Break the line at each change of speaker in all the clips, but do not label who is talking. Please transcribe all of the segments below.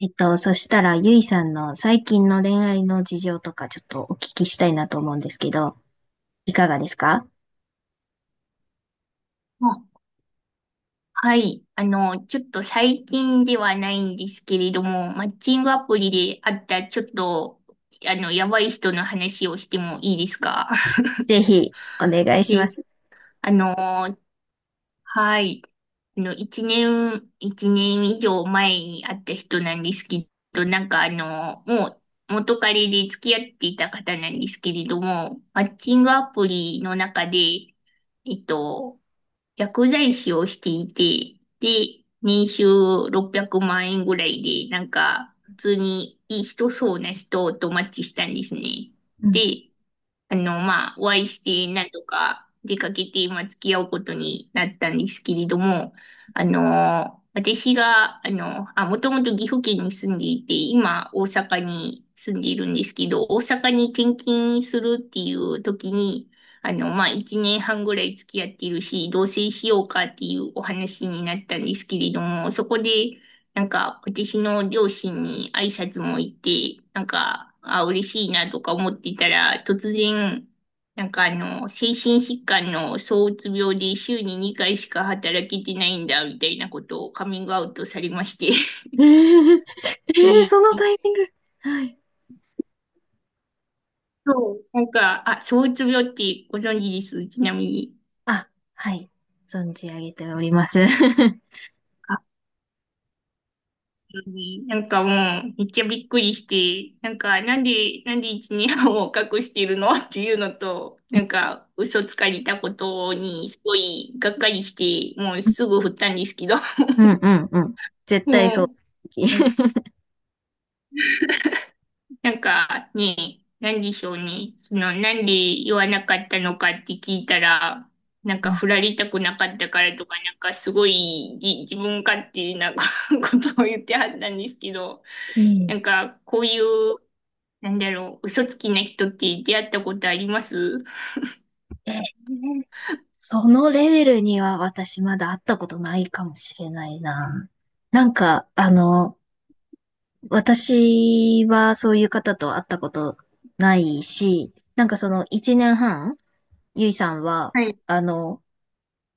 そしたら、ゆいさんの最近の恋愛の事情とかちょっとお聞きしたいなと思うんですけど、いかがですか？
あはい。ちょっと最近ではないんですけれども、マッチングアプリで会ったちょっと、あの、やばい人の話をしてもいいですか？
ぜひ、お願いしま
で
す。
あの、はい。一年以上前に会った人なんですけど、もう元彼で付き合っていた方なんですけれども、マッチングアプリの中で、えっと、薬剤師をしていて、で、年収600万円ぐらいで、なんか、普通にいい人そうな人とマッチしたんですね。
うん。
で、お会いして、なんとか出かけて、まあ、付き合うことになったんですけれども、私が、もともと岐阜県に住んでいて、今、大阪に住んでいるんですけど、大阪に転勤するっていう時に、まあ、一年半ぐらい付き合っているし、同棲しようかっていうお話になったんですけれども、そこで、なんか、私の両親に挨拶も行って、嬉しいなとか思ってたら、突然、精神疾患の躁うつ病で週に2回しか働けてないんだ、みたいなことをカミングアウトされまして。
えー、
で、
そのタイミング。はい。
そう、躁うつ病ってご存知です、ちなみに？
あ、はい。存じ上げております。
あなんかもう、めっちゃびっくりして、なんか、なんで一年半を隠してるのっていうのと、なんか、嘘つかれたことに、すごい、がっかりして、もうすぐ振ったんですけど、
うんうんうん。絶対そう。
もう、なんかね、なんでしょうね、その、なんで言わなかったのかって聞いたら、なん
う
か、
ん。
振られたくなかったからとか、なんか、すごい、自分勝手な ことを言ってはったんですけど、
えー
なんか、こういう、なんだろう、嘘つきな人って出会ったことあります
えーそのレベルには私まだ会ったことないかもしれないな。なんか、あの、私はそういう方と会ったことないし、なんかその1年半、ゆいさんは、
はい、
あの、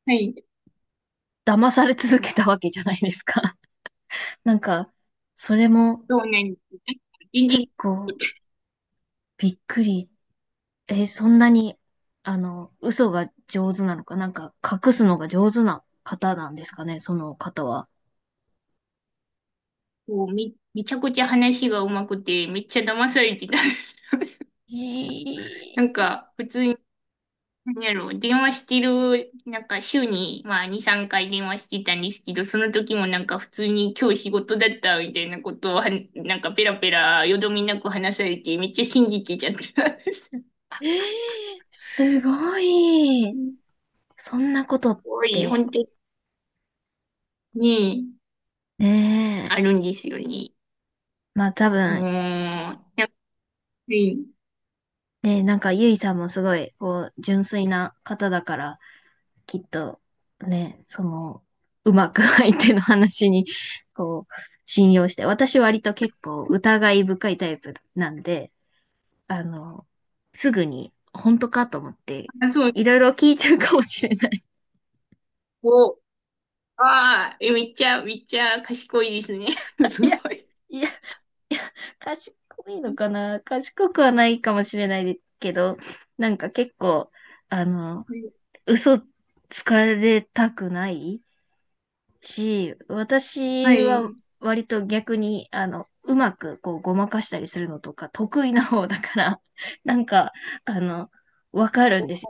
はい。
騙され続けたわけじゃないですか。なんか、それも
そうなんです。なんか全
結
然、
構びっくり。えーそんなに、あの、嘘が上手なのか、なんか隠すのが上手な方なんですかね、その方は。
こう、めちゃくちゃ話が上手くて、めっちゃ騙されてたんです。
え
なん
ー
か、普通に、なんやろう、電話してる、なんか週に、まあ、2、3回電話してたんですけど、その時もなんか普通に今日仕事だったみたいなことをは、なんかペラペラ、よどみなく話されて、めっちゃ信じてちゃったんです。す
すごい。そんなことっ
ごい、
て、
本当に、
ね
あ
え。
るんですよね。
まあ多
もう、
分、
やっぱり、
ね、なんか、ゆいさんもすごい、こう、純粋な方だから、きっと、ね、その、うまく 相手の話に、こう、信用して、私割と結構疑い深いタイプなんで、あの、すぐに、本当かと思って、
あ、そう、
いろいろ聞いちゃうかもしれない。
こう、ああ、えめっちゃ賢いですね。す
いや、
ごい。
いや、賢いのかな。賢くはないかもしれないけど、なんか結構、あの、嘘つかれたくないし、
は
私は
い。
割と逆に、あの、うまくこうごまかしたりするのとか得意な方だから、なんか、あの、わかるんですよ。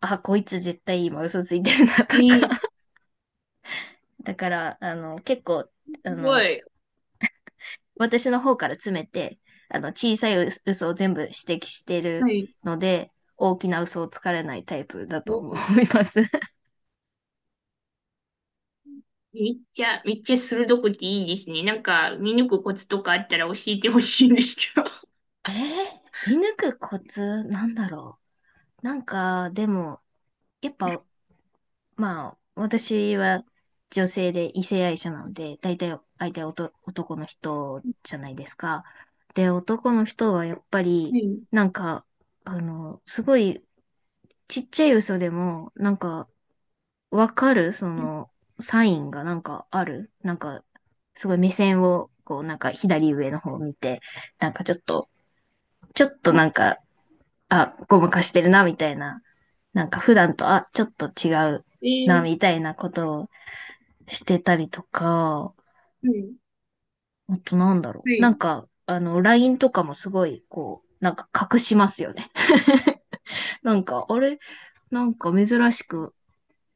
あ、こいつ絶対今嘘ついてるなとか。
ええ
だから、あの、結構、
す
あ
ご
の、
い。
私の方から詰めて、あの、小さい嘘を全部指摘して
は
る
い。
ので、大きな嘘をつかれないタイプだと
お、
思います。
めっちゃ鋭くていいですね。なんか、見抜くコツとかあったら教えてほしいんですけど。は
えー、見抜くコツなんだろう。なんか、でも、やっぱまあ、私は女性で異性愛者なので、大体相手は男の人じゃないですか。で、男の人はやっぱり、
い。
なんか、あの、すごいちっちゃい嘘でも、なんか、わかるその、サインがなんかある。なんか、すごい目線を、こう、なんか左上の方を見て、なんかちょっと、ちょっとなん か、あ、ごまかしてるな、みたいな。なんか普段と、あ、ちょっと違うな、
え
み
え
たいなことをしてたりとか、
はい。
あとなんだろ
は
う。な
い。
んか、あの、LINE とかもすごい、こう、なんか隠しますよね。なんか、あれ、なんか珍しく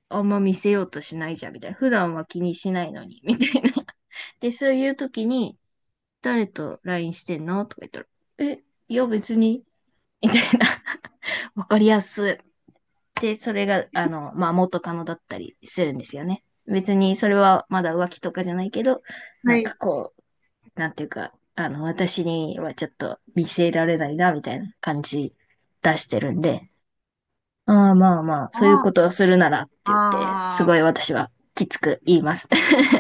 あんま見せようとしないじゃん、みたいな。普段は気にしないのに、みたいな。で、そういう時に、誰と LINE してんのとか言ったら、え、いや別に、みたいな。わかりやすい。で、それが、あの、まあ、元カノだったりするんですよね。別にそれはまだ浮気とかじゃないけど、な
は
んか
い。
こう、なんていうか、あの、私にはちょっと見せられないな、みたいな感じ出してるんで、ああまあまあ、そういう
あ
ことをするならって言って、
あ、
す
ああ。
ごい私はきつく言います。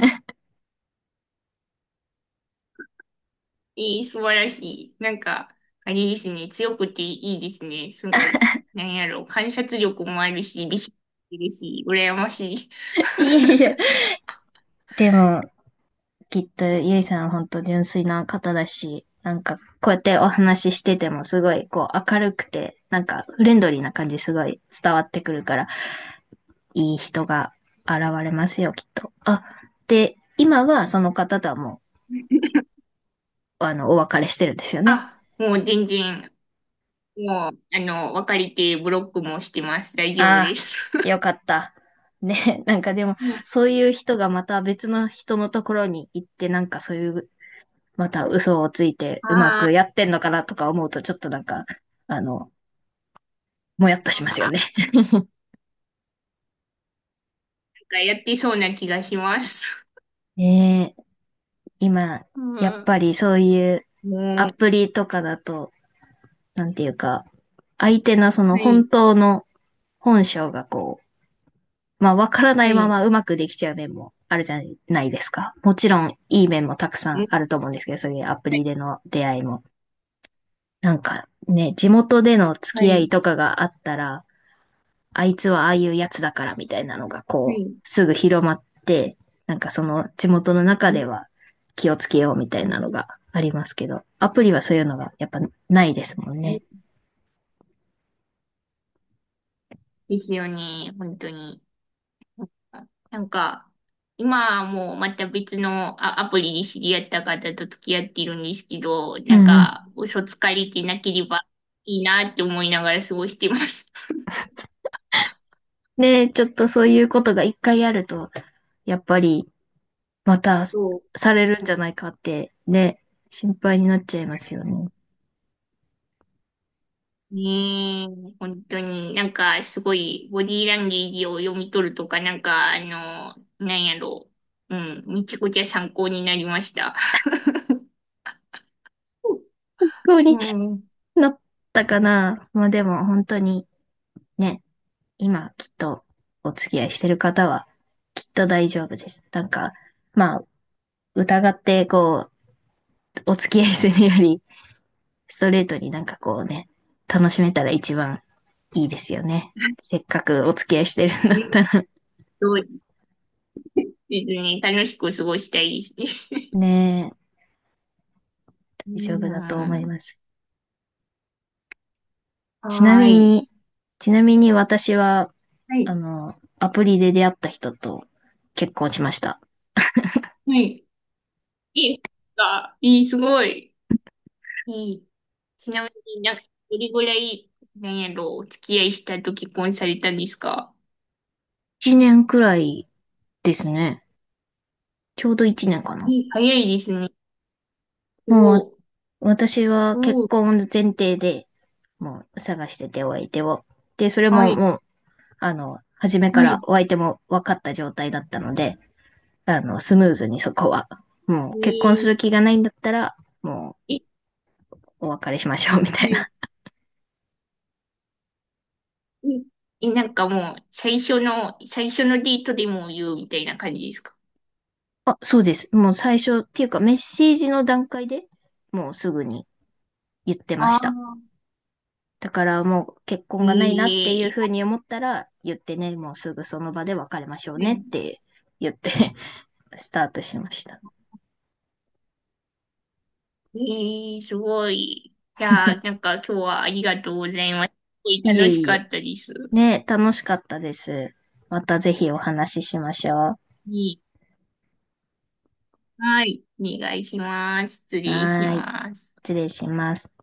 いい、素晴らしい。なんか、あれですね。強くていいですね。すごい。なんやろ。観察力もあるし、美識もですし、羨ましい。
いえいえ。でも、きっとゆいさんは本当純粋な方だし、なんかこうやってお話ししててもすごいこう明るくて、なんかフレンドリーな感じすごい伝わってくるから、いい人が現れますよ、きっと。あ、で、今はその方とはもう、あの、お別れしてるんですよね。
あ、もう全然、もう、あの、別れてブロックもしてます。大丈夫で
あ
す。
あ、よ かった。ね、なんかでも、
うん、
そういう人がまた別の人のところに行って、なんかそういう、また嘘をついてうま
あ
くや
あ
ってんのかなとか思うと、ちょっとなんか、あの、もやっとしま
ー、
す
な
よ
ん
ね。
かやってそうな気がします。
ねえ、今、
う
やっ
ん。
ぱりそういうア
も
プリとかだと、なんていうか、相手のそ
う、
の
は
本
い、
当の本性がこう、まあ、わからな
は
いま
い、
まうまくできちゃう面もあるじゃないですか。もちろん、いい面もたくさ
う
ん
ん、
あると思うんですけど、そういうアプ
は
リ
い、
での出会いも。なんか、ね、地元での付
は
き合い
い、
とかがあったら、あいつはああいうやつだからみたいなのが、
は
こう、
い。
すぐ広まって、なんかその地元の中
う
で
ん、
は気をつけようみた
う
い
ん、
なのがありますけど、アプリはそういうのがやっぱないですもん
うん
ね。
ですよね、本当に。なんか、今はもうまた別のあアプリに知り合った方と付き合っているんですけど、
う
なん
んうん。
か、嘘つかれてなければいいなって思いながら過ごしてます。
で、ちょっとそういうことが一回あると、やっぱりまた
そう、
されるんじゃないかってね、心配になっちゃいますよね。
ねえ、本当になんかすごいボディーランゲージを読み取るとか、なんかあの、なんやろう。うん、めちゃくちゃ参考になりました。
不う
う
に
ん、うん、
なったかな。まあでも本当に、ね、今きっとお付き合いしてる方はきっと大丈夫です。なんか、まあ疑ってこう、お付き合いするよりストレートになんかこうね、楽しめたら一番いいですよね。せっかくお付き合いしてるんだったら。
そうですね。楽しく過ごしたいですね。
ね、
い
大丈
い
夫だと思
な
います。
あ
ちな
はー
み
い。
に、ちなみに、私は
はい。
あの、アプリで出会った人と結婚しました。
はい。いいか。いい、すごい。いい。ちなみになんか、どれぐらい、なんやろ、お付き合いしたと結婚されたんですか？
1年くらいですね。ちょうど1年かな。
いい、早いですね。す
もう
ごい。
私は
お
結
ー
婚前提で、もう探しててお相手を。で、それ
は
も
い。
もう、あの、初めか
は
ら
い。
お相手も分かった状態だったので、あの、スムーズにそこは。も
え
う結婚す
ー、
る気がないんだったら、も
え、
うお別れしましょうみた
は
いな。
い、え、えなんかもう、最初のデートでも言うみたいな感じですか？
あ、そうです。もう最初っていうかメッセージの段階でもうすぐに言ってま
あ
した。
あ
だからもう結
ー、え
婚
ー
がないなっていうふ
い
うに思ったら言ってね、もうすぐその場で別れましょう
や、
ねって言って スタートしました。
えーすごい。いやー、なんか今日はありがとうございます。すごい
いえ
楽し
い
か
え。
ったです。
ね、楽しかったです。またぜひお話ししましょ
いいはい。お願いします。失
う。
礼し
はーい。
ます。
失礼します。